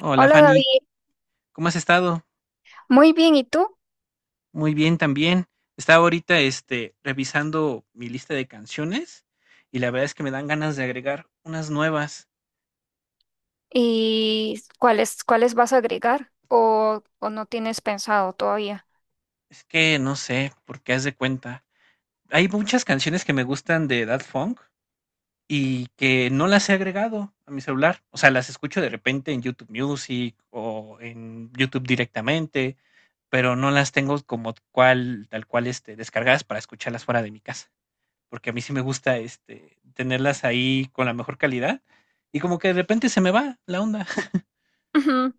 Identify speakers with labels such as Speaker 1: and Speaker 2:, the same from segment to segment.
Speaker 1: Hola
Speaker 2: Hola
Speaker 1: Fanny,
Speaker 2: David,
Speaker 1: ¿cómo has estado?
Speaker 2: muy bien, ¿y tú?
Speaker 1: Muy bien también. Estaba ahorita revisando mi lista de canciones y la verdad es que me dan ganas de agregar unas nuevas.
Speaker 2: ¿Y cuáles vas a agregar o no tienes pensado todavía?
Speaker 1: Es que no sé por qué haz de cuenta. Hay muchas canciones que me gustan de Daft Funk y que no las he agregado a mi celular. O sea, las escucho de repente en YouTube Music o en YouTube directamente, pero no las tengo como tal cual descargadas para escucharlas fuera de mi casa. Porque a mí sí me gusta tenerlas ahí con la mejor calidad. Y como que de repente se me va la onda.
Speaker 2: Ujú.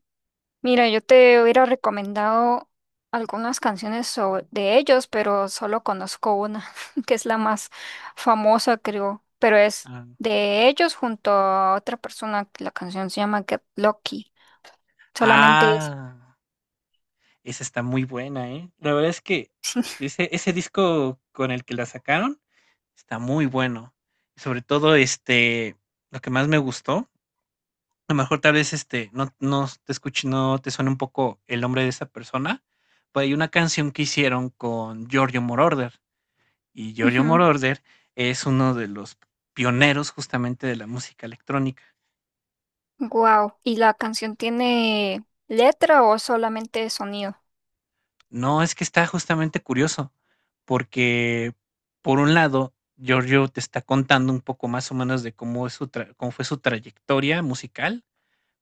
Speaker 2: Mira, yo te hubiera recomendado algunas canciones de ellos, pero solo conozco una, que es la más famosa, creo, pero es
Speaker 1: Ah,
Speaker 2: de ellos junto a otra persona, que la canción se llama Get Lucky, solamente es.
Speaker 1: ah, esa está muy buena, ¿eh? La verdad es que ese disco con el que la sacaron está muy bueno. Sobre todo, lo que más me gustó, a lo mejor tal vez no te escuche, no te suena un poco el nombre de esa persona, pero hay una canción que hicieron con Giorgio Moroder. Y Giorgio Moroder es uno de los pioneros justamente de la música electrónica.
Speaker 2: Wow, ¿y la canción tiene letra o solamente sonido?
Speaker 1: No, es que está justamente curioso, porque por un lado, Giorgio te está contando un poco más o menos de cómo fue su trayectoria musical,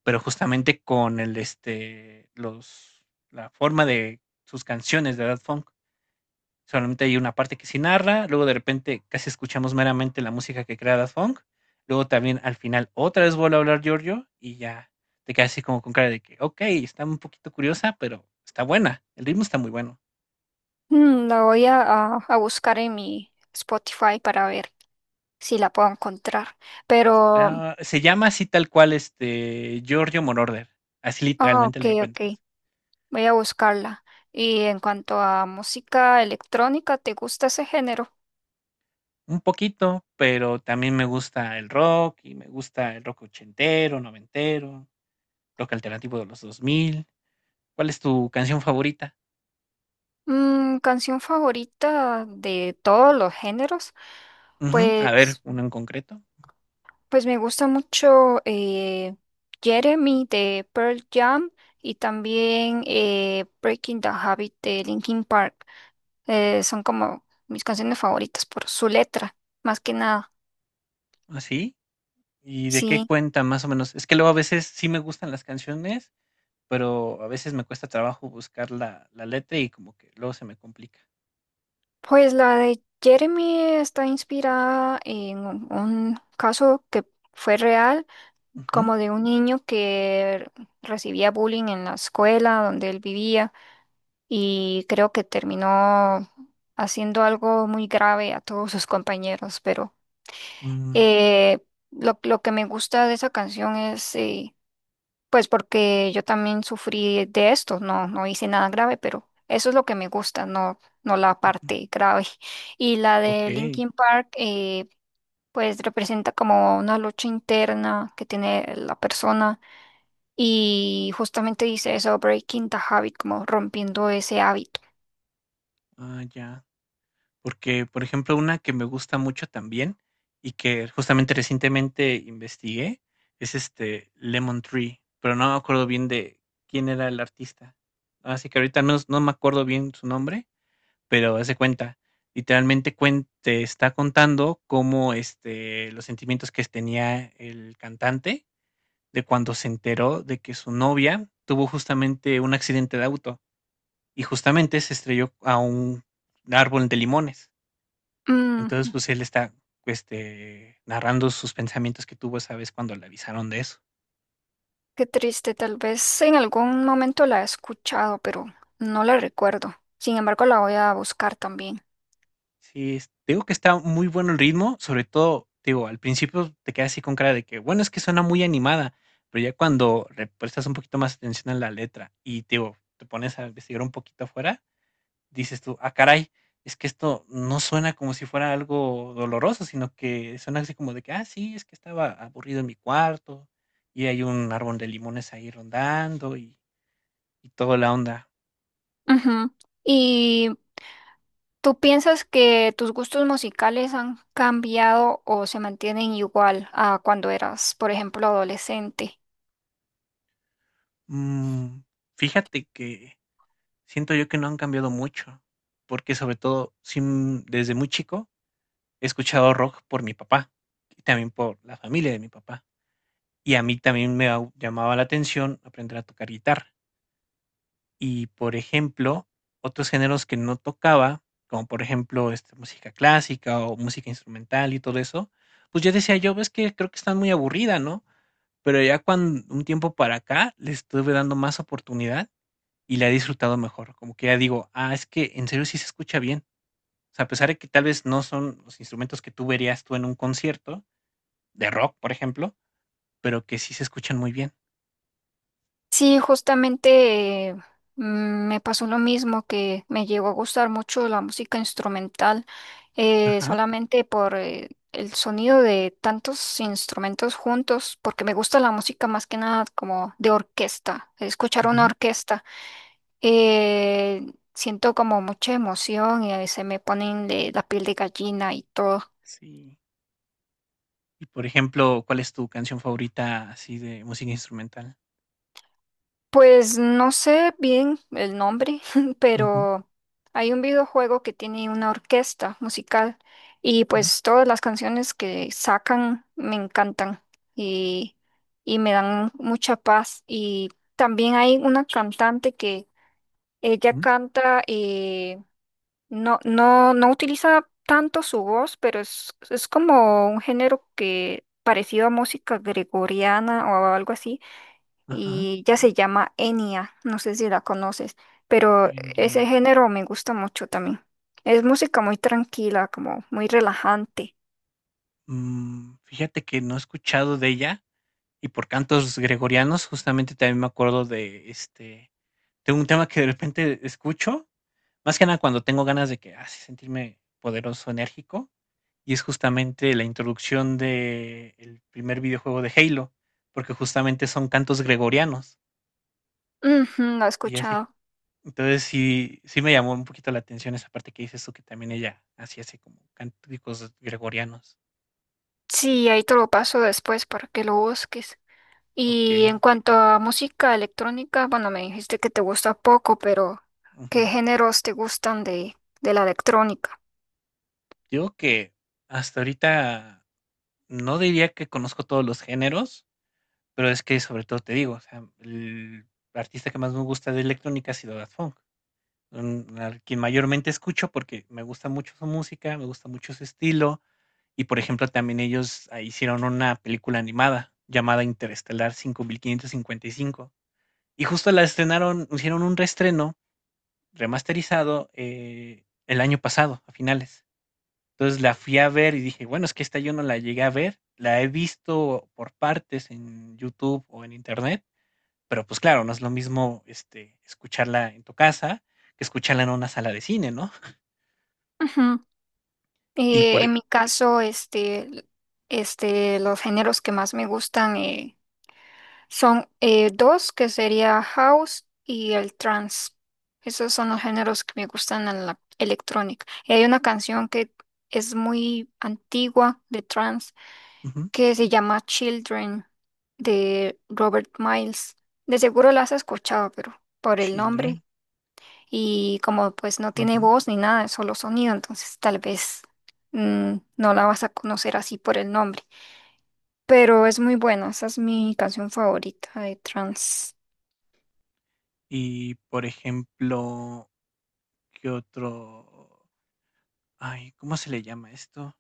Speaker 1: pero justamente con la forma de sus canciones de Daft Funk. Solamente hay una parte que sí narra, luego de repente casi escuchamos meramente la música que crea Daft Punk, luego también al final otra vez vuelve a hablar Giorgio y ya te quedas así como con cara de que, ok, está un poquito curiosa, pero está buena, el ritmo está muy bueno.
Speaker 2: Mm, la voy a buscar en mi Spotify para ver si la puedo encontrar. Pero,
Speaker 1: Ah, se llama así tal cual Giorgio Moroder, así
Speaker 2: ah,
Speaker 1: literalmente
Speaker 2: ok,
Speaker 1: la
Speaker 2: ok,
Speaker 1: encuentras.
Speaker 2: voy a buscarla. Y en cuanto a música electrónica, ¿te gusta ese género?
Speaker 1: Un poquito, pero también me gusta el rock y me gusta el rock ochentero, noventero, rock alternativo de los dos mil. ¿Cuál es tu canción favorita?
Speaker 2: Mm, canción favorita de todos los géneros.
Speaker 1: Ujú. A ver,
Speaker 2: Pues,
Speaker 1: uno en concreto.
Speaker 2: pues me gusta mucho Jeremy de Pearl Jam y también Breaking the Habit de Linkin Park. Son como mis canciones favoritas por su letra, más que nada.
Speaker 1: ¿Ah, sí? ¿Y de qué
Speaker 2: Sí,
Speaker 1: cuenta más o menos? Es que luego a veces sí me gustan las canciones, pero a veces me cuesta trabajo buscar la letra y como que luego se me complica.
Speaker 2: pues la de Jeremy está inspirada en un caso que fue real,
Speaker 1: Ujú,
Speaker 2: como de un niño que recibía bullying en la escuela donde él vivía y creo que terminó haciendo algo muy grave a todos sus compañeros, pero
Speaker 1: mm,
Speaker 2: eh, lo que me gusta de esa canción es. Pues porque yo también sufrí de esto, no, no hice nada grave, pero eso es lo que me gusta, no, no la
Speaker 1: ujú,
Speaker 2: parte grave. Y la de
Speaker 1: okey.
Speaker 2: Linkin Park, pues representa como una lucha interna que tiene la persona y justamente dice eso, breaking the habit, como rompiendo ese hábito.
Speaker 1: Ah, ya. Porque, por ejemplo, una que me gusta mucho también y que justamente recientemente investigué es, Lemon Tree, pero no me acuerdo bien de quién era el artista. Así que ahorita no me acuerdo bien su nombre, pero hace cuenta, te está contando cómo los sentimientos que tenía el cantante de cuando se enteró de que su novia tuvo justamente un accidente de auto y justamente se estrelló a un árbol de limones.
Speaker 2: Mm,
Speaker 1: Entonces, pues él está narrando sus pensamientos que tuvo esa vez cuando le avisaron de eso.
Speaker 2: qué triste, tal vez en algún momento la he escuchado, pero no la recuerdo. Sin embargo, la voy a buscar también.
Speaker 1: Sí, es te digo que está muy bueno el ritmo, sobre todo, te digo, al principio te quedas así con cara de que, bueno, es que suena muy animada, pero ya cuando le prestas un poquito más atención a la letra y te digo, te pones a investigar un poquito afuera, dices tú, ah, caray, es que esto no suena como si fuera algo doloroso, sino que suena así como de que, ah, sí, es que estaba aburrido en mi cuarto y hay un árbol de limones ahí rondando y toda la onda.
Speaker 2: Ujú. ¿Y tú piensas que tus gustos musicales han cambiado o se mantienen igual a cuando eras, por ejemplo, adolescente?
Speaker 1: Mm, fíjate que siento yo que no han cambiado mucho, porque sobre todo, sin desde muy chico he escuchado rock por mi papá y también por la familia de mi papá. Y a mí también llamaba la atención aprender a tocar guitarra. Y por ejemplo, otros géneros que no tocaba, como por ejemplo música clásica o música instrumental y todo eso, pues yo decía yo, ves que creo que están muy aburrida, ¿no? Pero ya cuando un tiempo para acá le estuve dando más oportunidad y la he disfrutado mejor, como que ya digo: "Ah, es que en serio sí se escucha bien". O sea, a pesar de que tal vez no son los instrumentos que tú verías tú en un concierto de rock, por ejemplo, pero que sí se escuchan muy bien.
Speaker 2: Sí, justamente me pasó lo mismo, que me llegó a gustar mucho la música instrumental,
Speaker 1: Ajá.
Speaker 2: solamente por el sonido de tantos instrumentos juntos, porque me gusta la música más que nada como de orquesta, escuchar una
Speaker 1: Ujú.
Speaker 2: orquesta. Eh, Siento como mucha emoción y a veces me ponen de la piel de gallina y todo.
Speaker 1: Sí. Y, por ejemplo, ¿cuál es tu canción favorita así de música instrumental?
Speaker 2: Pues no sé bien el nombre,
Speaker 1: Ujú,
Speaker 2: pero hay un videojuego que tiene una orquesta musical y
Speaker 1: mm,
Speaker 2: pues todas las canciones que sacan me encantan y, y me dan mucha paz. Y también hay una cantante que ella
Speaker 1: mm,
Speaker 2: canta no, no, no utiliza tanto su voz, pero es como un género que parecido a música gregoriana o algo así,
Speaker 1: ajá.
Speaker 2: y ya se llama Enya, no sé si la conoces, pero ese
Speaker 1: India.
Speaker 2: género me gusta mucho también. Es música muy tranquila, como muy relajante.
Speaker 1: Mm, fíjate que no he escuchado de ella, y por cantos gregorianos, justamente también me acuerdo de, tengo un tema que de repente escucho. Más que nada cuando tengo ganas de que, así sentirme poderoso, enérgico, y es justamente la introducción de el primer videojuego de Halo, porque justamente son cantos gregorianos,
Speaker 2: Ujú, lo he
Speaker 1: y así
Speaker 2: escuchado.
Speaker 1: entonces sí me llamó un poquito la atención esa parte que dices tú, que también ella hacía así como cánticos gregorianos.
Speaker 2: Sí, ahí te lo paso después para que lo busques. Y
Speaker 1: Okey,
Speaker 2: en cuanto a música electrónica, bueno, me dijiste que te gusta poco, pero ¿qué
Speaker 1: ujú.
Speaker 2: géneros te gustan de la electrónica?
Speaker 1: Digo que hasta ahorita no diría que conozco todos los géneros, pero es que sobre todo te digo, o sea, el artista que más me gusta de electrónica ha sido Daft Punk. Mm, al quien mayormente escucho, porque me gusta mucho su música, me gusta mucho su estilo. Y, por ejemplo, también ellos, ah, hicieron una película animada llamada Interestelar 5555. Y cinco. Y justo la estrenaron hicieron un reestreno remasterizado, el año pasado, a finales. Entonces, la fui a ver y dije: "Bueno, es que esta yo no la llegué a ver". La he visto por partes en YouTube o en Internet, pero, pues, claro, no es lo mismo, escucharla en tu casa que escucharla en una sala de cine, ¿no?
Speaker 2: Ujú.
Speaker 1: Y por e
Speaker 2: En mi caso, este, los géneros que más me gustan son dos, que sería house y el trance. Esos son los géneros que me gustan en la electrónica. Y hay una canción que es muy antigua de trance
Speaker 1: ujú,
Speaker 2: que se llama Children de Robert Miles. De seguro la has escuchado, pero por el
Speaker 1: Children,
Speaker 2: nombre y como pues no tiene
Speaker 1: ujú.
Speaker 2: voz ni nada, es solo sonido, entonces tal vez no la vas a conocer así por el nombre. Pero es muy buena, esa es mi canción favorita de trans.
Speaker 1: Y, por ejemplo, ¿qué otro? Ay, ¿cómo se le llama esto?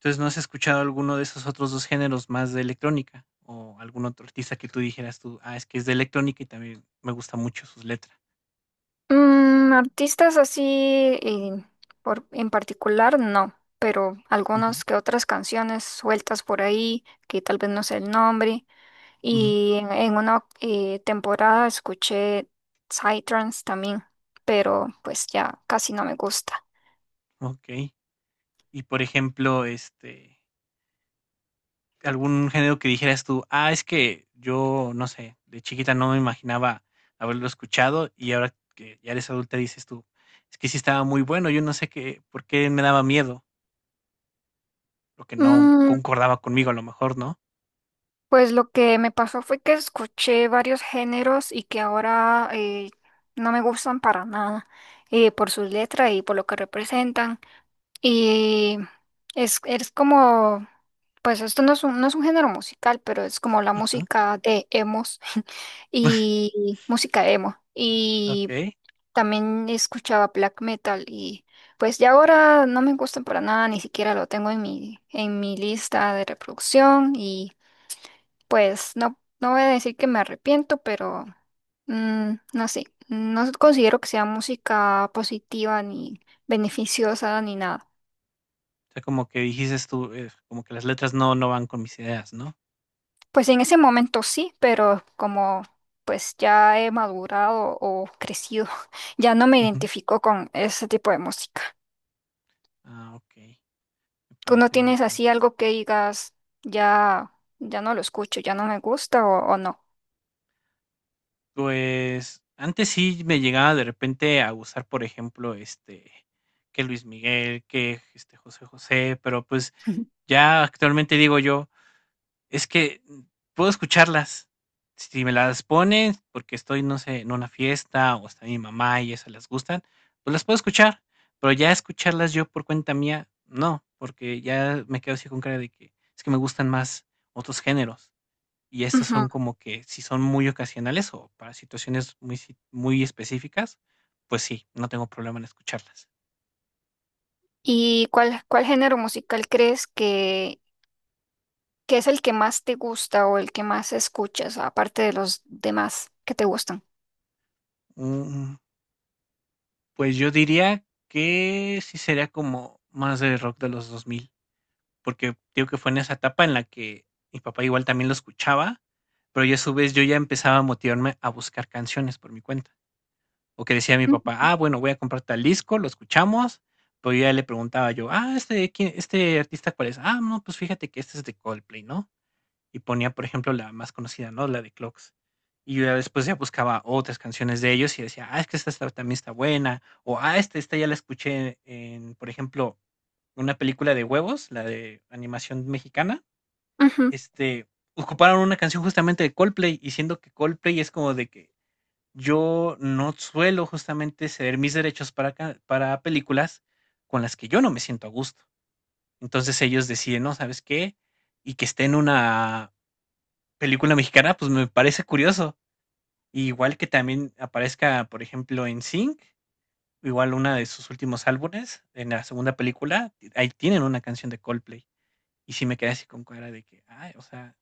Speaker 1: Entonces, ¿no has escuchado alguno de esos otros 2 géneros más de electrónica? O algún otro artista que tú dijeras tú: "Ah, es que es de electrónica y también me gusta mucho sus letras".
Speaker 2: Mm, artistas así eh, por, en particular, no. Pero
Speaker 1: Ujú,
Speaker 2: algunas que otras canciones sueltas por ahí, que tal vez no sé el nombre,
Speaker 1: ujú,
Speaker 2: y en una temporada escuché Psytrance también, pero pues ya casi no me gusta.
Speaker 1: okey. Y, por ejemplo, algún género que dijeras tú, ah, es que yo, no sé, de chiquita no me imaginaba haberlo escuchado y ahora que ya eres adulta dices tú, es que sí estaba muy bueno, yo no sé qué, por qué me daba miedo, lo que no
Speaker 2: Mm,
Speaker 1: concordaba conmigo a lo mejor, ¿no?
Speaker 2: pues lo que me pasó fue que escuché varios géneros y que ahora no me gustan para nada por sus letras y por lo que representan. Y es como, pues esto no es no es un género musical, pero es como la
Speaker 1: Ajá,
Speaker 2: música de emos y música emo. Y
Speaker 1: ok.
Speaker 2: también escuchaba black metal y pues ya ahora no me gustan para nada, ni siquiera lo tengo en en mi lista de reproducción y pues no, no voy a decir que me arrepiento, pero mm, no sé, no considero que sea música positiva ni beneficiosa ni nada.
Speaker 1: O sea, como que dijiste tú, como que las letras no van con mis ideas, ¿no?
Speaker 2: Pues en ese momento sí, pero como pues ya he madurado o crecido, ya no me
Speaker 1: Ujú.
Speaker 2: identifico con ese tipo de música.
Speaker 1: Ah, ok. Me
Speaker 2: ¿Tú no
Speaker 1: parece muy
Speaker 2: tienes
Speaker 1: bien.
Speaker 2: así algo que digas, ya, ya no lo escucho, ya no me gusta o no?
Speaker 1: Pues, antes sí me llegaba de repente a gustar, por ejemplo, que Luis Miguel, que, José José, pero, pues, ya actualmente digo yo: "Es que, mm, puedo escucharlas". Si me las ponen porque estoy, no sé, en una fiesta o está mi mamá y esas les gustan, pues, las puedo escuchar, pero ya escucharlas yo por cuenta mía, no, porque ya me quedo así con cara de que: "Es que me gustan más otros géneros". Y estas
Speaker 2: Ujú.
Speaker 1: son como que si son muy ocasionales o para situaciones muy específicas, pues sí, no tengo problema en escucharlas.
Speaker 2: ¿Y cuál género musical crees que es el que más te gusta o el que más escuchas, aparte de los demás que te gustan?
Speaker 1: Mm, pues yo diría que sí sería como más de rock de los 2000 porque digo que fue en esa etapa en la que mi papá igual también lo escuchaba, pero yo a su vez yo ya empezaba a motivarme a buscar canciones por mi cuenta, o que decía mi papá:
Speaker 2: Ujú.
Speaker 1: "Ah, bueno, voy a comprar tal disco, lo escuchamos", pero yo ya le preguntaba yo: "Ah, ¿este quién este artista cuál es?". "Ah, no, pues fíjate que este es de Coldplay", ¿no? Y ponía, por ejemplo, la más conocida, ¿no? La de Clocks. Y yo ya después ya buscaba otras canciones de ellos y decía, ah, es que también está buena. O, ah, esta ya la escuché en, por ejemplo, una película de huevos, la de animación mexicana.
Speaker 2: Ujú.
Speaker 1: Este, ocuparon una canción justamente de Coldplay y siendo que Coldplay es como de que yo no suelo justamente ceder mis derechos para películas con las que yo no me siento a gusto. Entonces ellos deciden, no, ¿sabes qué? Y que esté en una película mexicana, pues me parece curioso. Y igual que también aparezca, por ejemplo, en Sync, igual una de sus últimos álbumes, en la segunda película, ahí tienen una canción de Coldplay. Y sí me quedé así con cara de que, ay, o sea,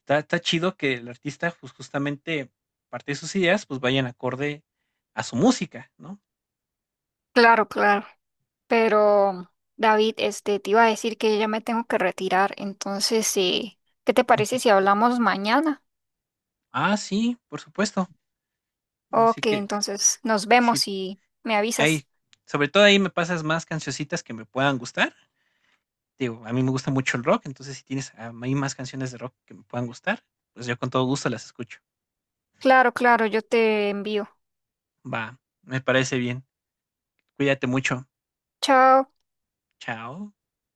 Speaker 1: está chido que el artista, pues justamente parte de sus ideas, pues vayan acorde a su música, ¿no?
Speaker 2: Claro, claro. Pero, David, este, te iba a decir que ya me tengo que retirar. Entonces, sí, ¿qué te
Speaker 1: Ujú.
Speaker 2: parece si hablamos mañana?
Speaker 1: Ah, sí, por supuesto. Así
Speaker 2: Ok,
Speaker 1: que,
Speaker 2: entonces nos
Speaker 1: sí,
Speaker 2: vemos y me avisas.
Speaker 1: ahí, sobre todo ahí me pasas más cancioncitas que me puedan gustar. Digo, a mí me gusta mucho el rock, entonces, si tienes a mí más canciones de rock que me puedan gustar, pues yo con todo gusto las escucho.
Speaker 2: Claro, claro, yo te envío.
Speaker 1: Va, me parece bien. Cuídate mucho.
Speaker 2: Chao.
Speaker 1: Chao.